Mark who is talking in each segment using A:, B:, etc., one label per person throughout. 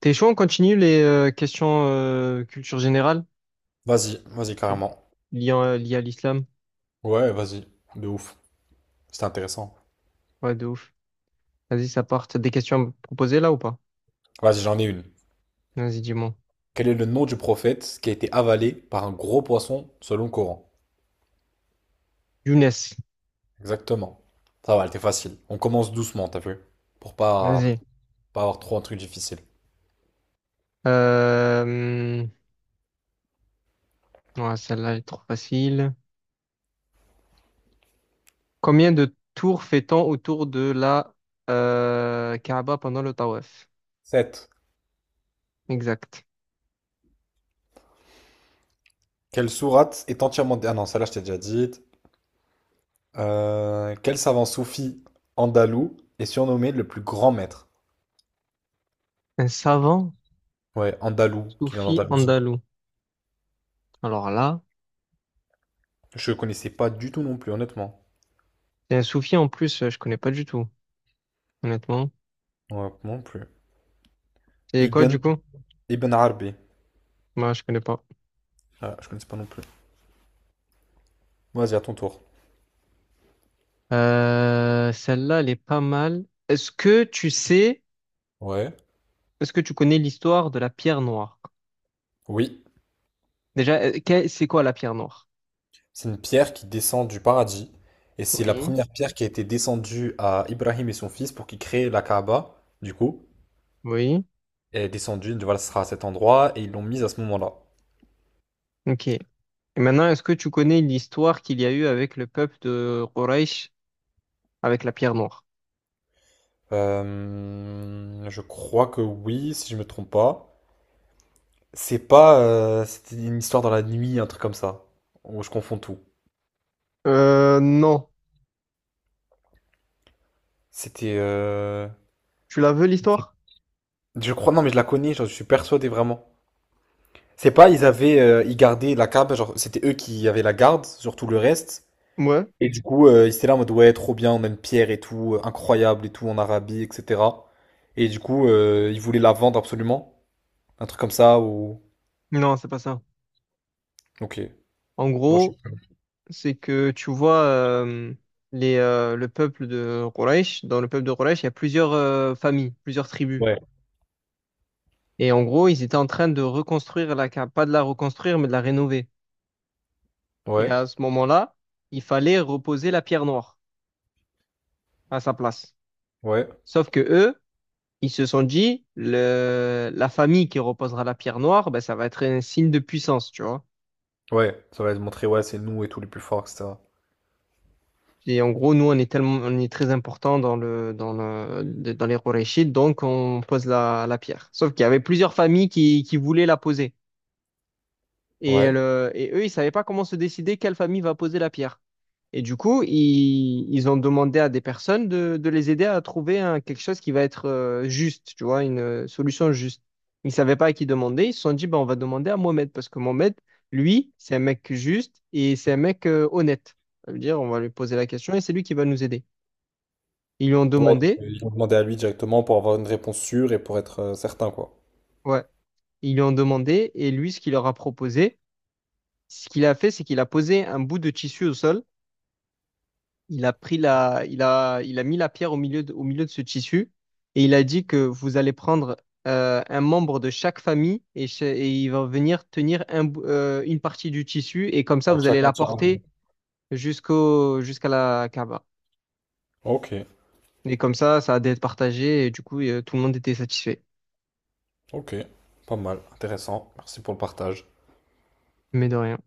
A: T'es chaud, on continue les questions culture générale
B: Vas-y, vas-y, carrément.
A: liées à l'islam?
B: Ouais, vas-y, de ouf. C'était intéressant.
A: Ouais, de ouf. Vas-y, ça part. T'as des questions à me proposer là ou pas?
B: Vas-y, j'en ai une.
A: Vas-y, dis-moi.
B: Quel est le nom du prophète qui a été avalé par un gros poisson selon le Coran?
A: Younes,
B: Exactement. Ça va, elle était facile. On commence doucement, t'as vu? Pour pas,
A: vas-y.
B: pas avoir trop un truc difficile.
A: Euh, ouais, celle-là elle est trop facile. Combien de tours fait-on autour de la Kaaba pendant le tawaf?
B: Sept.
A: Exact.
B: Quelle sourate est entièrement... Ah non, celle-là, je t'ai déjà dit. Quel savant soufi andalou est surnommé le plus grand maître?
A: Un savant
B: Ouais, andalou, qui vient
A: soufi
B: d'Andalousie.
A: andalou. Alors là,
B: Je connaissais pas du tout non plus, honnêtement.
A: c'est un soufi en plus, je connais pas du tout, honnêtement.
B: Ouais, non plus.
A: C'est quoi
B: Ibn,
A: du coup?
B: Ibn Arabi.
A: Moi, je connais pas.
B: Ah, je connais pas non plus. Vas-y, à ton tour.
A: Celle-là, elle est pas mal. Est-ce que tu sais,
B: Ouais.
A: est-ce que tu connais l'histoire de la pierre noire?
B: Oui.
A: Déjà, c'est quoi la pierre noire?
B: C'est une pierre qui descend du paradis. Et c'est la
A: Oui.
B: première pierre qui a été descendue à Ibrahim et son fils pour qu'ils créent la Kaaba. Du coup,
A: Oui.
B: elle est descendue, voilà, ce sera à cet endroit. Et ils l'ont mise à ce moment-là.
A: Ok. Et maintenant, est-ce que tu connais l'histoire qu'il y a eu avec le peuple de Quraysh avec la pierre noire?
B: Je crois que oui, si je me trompe pas. C'est pas. C'était une histoire dans la nuit, un truc comme ça. Ou je confonds tout.
A: Non.
B: C'était.
A: Tu la veux, l'histoire?
B: Je crois. Non, mais je la connais, je suis persuadé vraiment. C'est pas, ils gardaient la cab, genre c'était eux qui avaient la garde sur tout le reste.
A: Ouais.
B: Et du coup, ils étaient là en mode ouais, trop bien, on aime Pierre et tout, incroyable et tout en Arabie, etc. Et du coup, ils voulaient la vendre absolument, un truc comme ça ou.
A: Non, c'est pas ça.
B: Ok.
A: En
B: Bon, je-
A: gros, c'est que tu vois le peuple de Quraysh, dans le peuple de Quraysh, il y a plusieurs familles, plusieurs tribus.
B: Ouais,
A: Et en gros, ils étaient en train de reconstruire la cave, pas de la reconstruire, mais de la rénover. Et
B: ouais,
A: à ce moment-là, il fallait reposer la pierre noire à sa place.
B: ouais,
A: Sauf que eux, ils se sont dit, la famille qui reposera la pierre noire, ben, ça va être un signe de puissance, tu vois.
B: ouais. Ça va montrer ouais, c'est nous et tout les plus forts, etc.
A: Et en gros, nous, on est tellement, on est très important dans les Quraychites, donc on pose la pierre. Sauf qu'il y avait plusieurs familles qui voulaient la poser. Et,
B: Ouais.
A: le, et eux, ils savaient pas comment se décider quelle famille va poser la pierre. Et du coup, ils ont demandé à des personnes de les aider à trouver quelque chose qui va être juste, tu vois, une solution juste. Ils ne savaient pas à qui demander. Ils se sont dit, ben, on va demander à Mohamed parce que Mohamed, lui, c'est un mec juste et c'est un mec honnête. Ça veut dire, on va lui poser la question et c'est lui qui va nous aider. Ils lui ont
B: Ouais.
A: demandé,
B: Ils vont demander à lui directement pour avoir une réponse sûre et pour être certain quoi.
A: ouais, ils lui ont demandé et lui, ce qu'il leur a proposé, ce qu'il a fait, c'est qu'il a posé un bout de tissu au sol. Il a pris il a mis la pierre au milieu de ce tissu et il a dit que vous allez prendre un membre de chaque famille et il va venir tenir une partie du tissu et comme ça
B: Ouais,
A: vous allez
B: chacun
A: la
B: tient un bout.
A: porter jusqu'à la Kaaba.
B: Ok,
A: Et comme ça a d'être partagé et du coup tout le monde était satisfait.
B: ok, pas mal, intéressant. Merci pour le partage.
A: Mais de rien.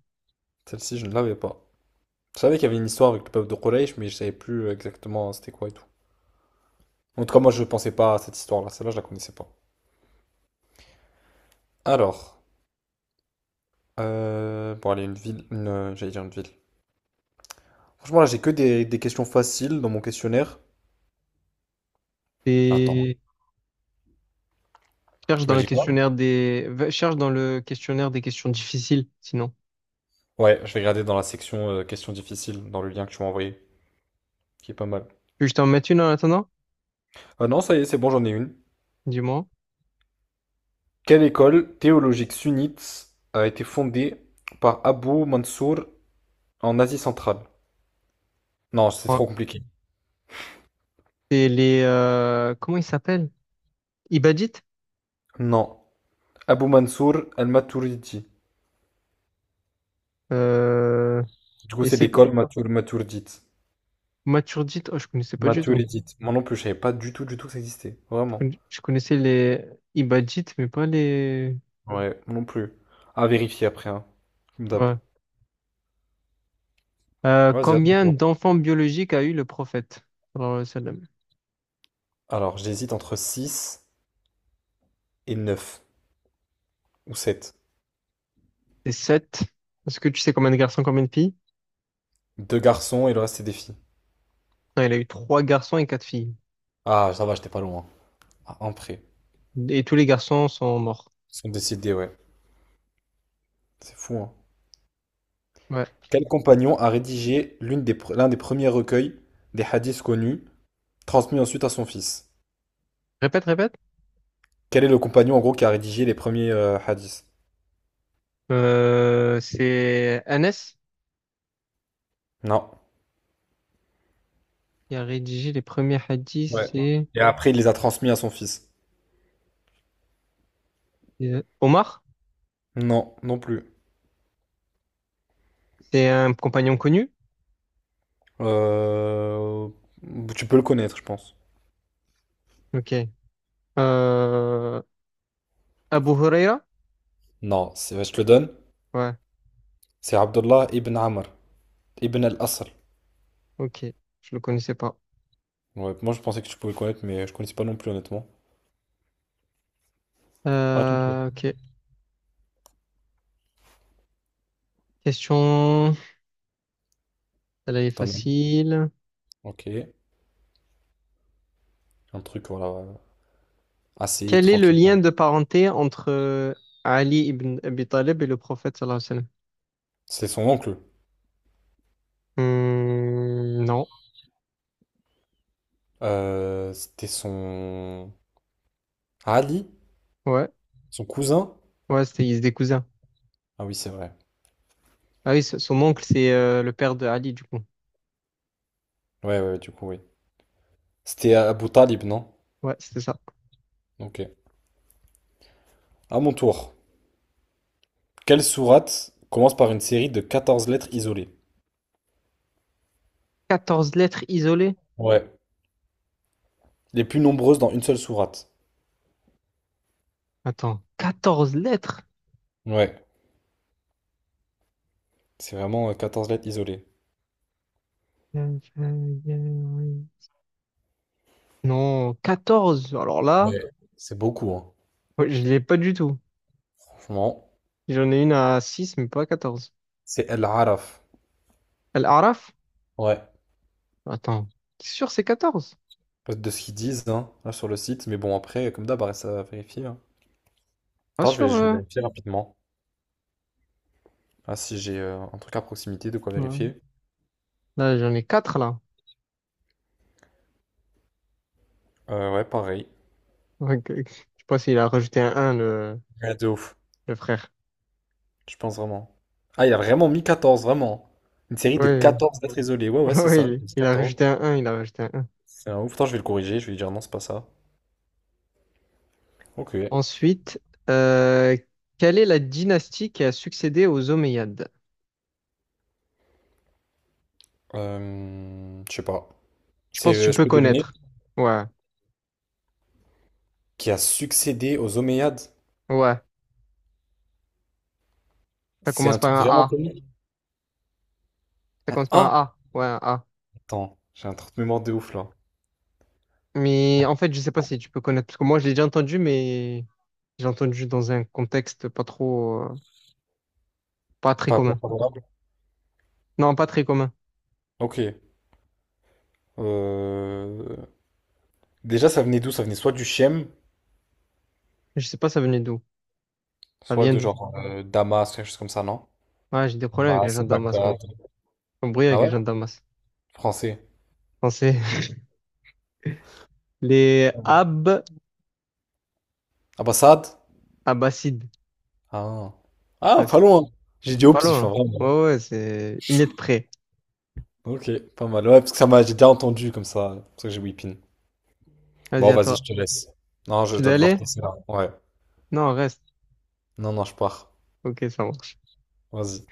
B: Celle-ci, je ne l'avais pas. Je savais qu'il y avait une histoire avec le peuple de Quraysh, mais je savais plus exactement c'était quoi et tout. En tout cas, moi, je pensais pas à cette histoire-là. Celle-là, je la connaissais pas. Alors, bon, allez, j'allais dire une ville. Franchement, là, j'ai que des questions faciles dans mon questionnaire. Attends,
A: Et cherche
B: tu
A: dans
B: m'as
A: le
B: dit quoi?
A: questionnaire cherche dans le questionnaire des questions difficiles sinon.
B: Ouais, je vais regarder dans la section questions difficiles, dans le lien que tu m'as envoyé, qui est pas mal.
A: Tu veux que je t'en mette une en attendant?
B: Ah non, ça y est, c'est bon, j'en ai une.
A: Dis-moi.
B: Quelle école théologique sunnite a été fondée par Abu Mansour en Asie centrale? Non, c'est
A: Ouais.
B: trop compliqué.
A: C'est les, comment ils s'appellent? Ibadit?
B: Non. Abou Mansour al-Maturidi.
A: Euh,
B: Du coup,
A: et
B: c'est
A: c'est
B: l'école Matur Maturdite.
A: Maturdit? Oh, je connaissais pas du tout.
B: Maturidite. Moi non plus, je savais pas du tout, du tout que ça existait. Vraiment.
A: Je connaissais les Ibadit, mais pas les.
B: Ouais, moi non plus. À vérifier après, hein. Tu me tapes.
A: Ouais. Euh,
B: Vas-y, à ton
A: combien
B: tour.
A: d'enfants biologiques a eu le prophète sallallahu alayhi wa sallam?
B: Alors, j'hésite entre 6 et 9 ou 7.
A: C'est sept. Est-ce que tu sais combien de garçons, combien de filles?
B: Deux garçons et le reste, c'est des filles.
A: Non, il a eu trois garçons et quatre filles.
B: Ah, ça va, j'étais pas loin. À un près.
A: Et tous les garçons sont morts.
B: Ils sont décidés, ouais. C'est fou, hein.
A: Ouais.
B: Quel compagnon a rédigé l'un des premiers recueils des hadiths connus, transmis ensuite à son fils?
A: Répète, répète.
B: Quel est le compagnon, en gros, qui a rédigé les premiers hadiths?
A: C'est Anas
B: Non.
A: qui a rédigé les premiers hadiths.
B: Ouais.
A: C'est
B: Et après, il les a transmis à son fils.
A: Omar.
B: Non, non plus.
A: C'est un compagnon connu.
B: Euh, Tu peux le connaître, je pense.
A: Ok. Euh, Abu Huraira?
B: Non, c'est- ouais, je te le donne.
A: Ouais,
B: C'est Abdullah ibn Amr, ibn al-Asr.
A: ok. Je le connaissais pas.
B: Ouais, moi, je pensais que tu pouvais le connaître, mais je connaissais pas non plus, honnêtement. À ton tour.
A: Ok. Question. Elle est
B: T'en as un.
A: facile.
B: Ok. Un truc, voilà, assez
A: Quel est le
B: tranquille.
A: lien de parenté entre Ali ibn Abi Talib et le prophète sallallahu alayhi wa
B: C'est son oncle.
A: sallam? Hmm, non.
B: C'était son... Ali?
A: Ouais.
B: Son cousin?
A: Ouais, c'était, ils étaient des cousins.
B: Ah oui, c'est vrai.
A: Ah oui, son oncle, c'est le père de Ali, du coup.
B: Ouais, ouais, ouais, du coup, oui. C'était Abu Talib, non?
A: Ouais, c'était ça.
B: Ok. À mon tour. Quelle sourate commence par une série de 14 lettres isolées?
A: Quatorze lettres isolées?
B: Ouais, les plus nombreuses dans une seule sourate.
A: Attends, 14 lettres?
B: Ouais, c'est vraiment 14 lettres isolées.
A: Non, 14. Alors là,
B: C'est beaucoup, hein.
A: ouais, je l'ai pas du tout.
B: Franchement,
A: J'en ai une à 6 mais pas à 14.
B: c'est El-Araf.
A: Al-Araf?
B: Ouais.
A: Attends, t'es sûr c'est 14?
B: De ce qu'ils disent hein, là, sur le site. Mais bon, après, comme d'hab, reste à vérifier, hein.
A: Pas
B: Attends,
A: sûr,
B: je vais vérifier rapidement. Ah, si j'ai un truc à proximité, de quoi
A: non.
B: vérifier.
A: Là, j'en ai 4 là.
B: Ouais, pareil.
A: Ok. Je sais pas s'il a rajouté un
B: Ouais, de ouf.
A: le frère.
B: Je pense vraiment. Ah, il a vraiment mis 14 vraiment. Une série de
A: Oui,
B: quatorze lettres isolées. Ouais,
A: oui,
B: ouais, c'est ça. Il a
A: il
B: mis
A: il a
B: 14.
A: rajouté un il a rajouté un 1.
B: C'est un ouf. Attends, je vais le corriger. Je vais lui dire non, c'est pas ça. Ok.
A: Ensuite, euh, quelle est la dynastie qui a succédé aux Omeyyades?
B: Je sais pas.
A: Je
B: C'est,
A: pense que tu
B: je
A: peux
B: peux deviner,
A: connaître. Ouais,
B: qui a succédé aux Omeyyades.
A: ouais. Ça
B: C'est
A: commence
B: un
A: par
B: truc
A: un
B: vraiment.
A: A. Ça
B: Un-
A: commence par
B: Ah!
A: un A. Ouais, un A.
B: Attends, j'ai un truc de mémoire de ouf là.
A: Mais en fait, je sais pas si tu peux connaître, parce que moi, je l'ai déjà entendu, mais j'ai entendu dans un contexte pas trop, pas très
B: Pas pas
A: commun.
B: favorable.
A: Non, pas très commun.
B: Ok. Euh, Déjà, ça venait d'où? Ça venait soit du Chem,
A: Je sais pas ça venait d'où. Ça
B: soit
A: vient
B: de
A: d'où.
B: genre Damas, quelque chose comme ça, non?
A: Ouais, j'ai des problèmes avec
B: Bah,
A: les gens
B: c'est
A: de Damas,
B: Bagdad.
A: moi. Un bruit
B: Ah
A: avec les
B: ouais?
A: gens de Damas.
B: Français.
A: Non, c'est les Ab
B: Ah bah, Saad?
A: Abbasides.
B: Ah. Ah,
A: Ouais,
B: pas
A: c'est
B: loin. J'ai dit au
A: pas loin,
B: pif, hein,
A: hein.
B: vraiment.
A: Ouais, ouais, c'est une lettre près.
B: Ok, pas mal. Ouais, parce que ça m'a, j'ai déjà entendu comme ça. C'est pour ça que j'ai whippin.
A: Vas-y,
B: Bon,
A: à
B: vas-y, je
A: toi.
B: te laisse. Non,
A: Tu
B: je
A: dois
B: dois devoir te
A: aller?
B: laisser là. Ouais.
A: Non, reste.
B: Non, non, je pars.
A: Ok, ça va.
B: Vas-y.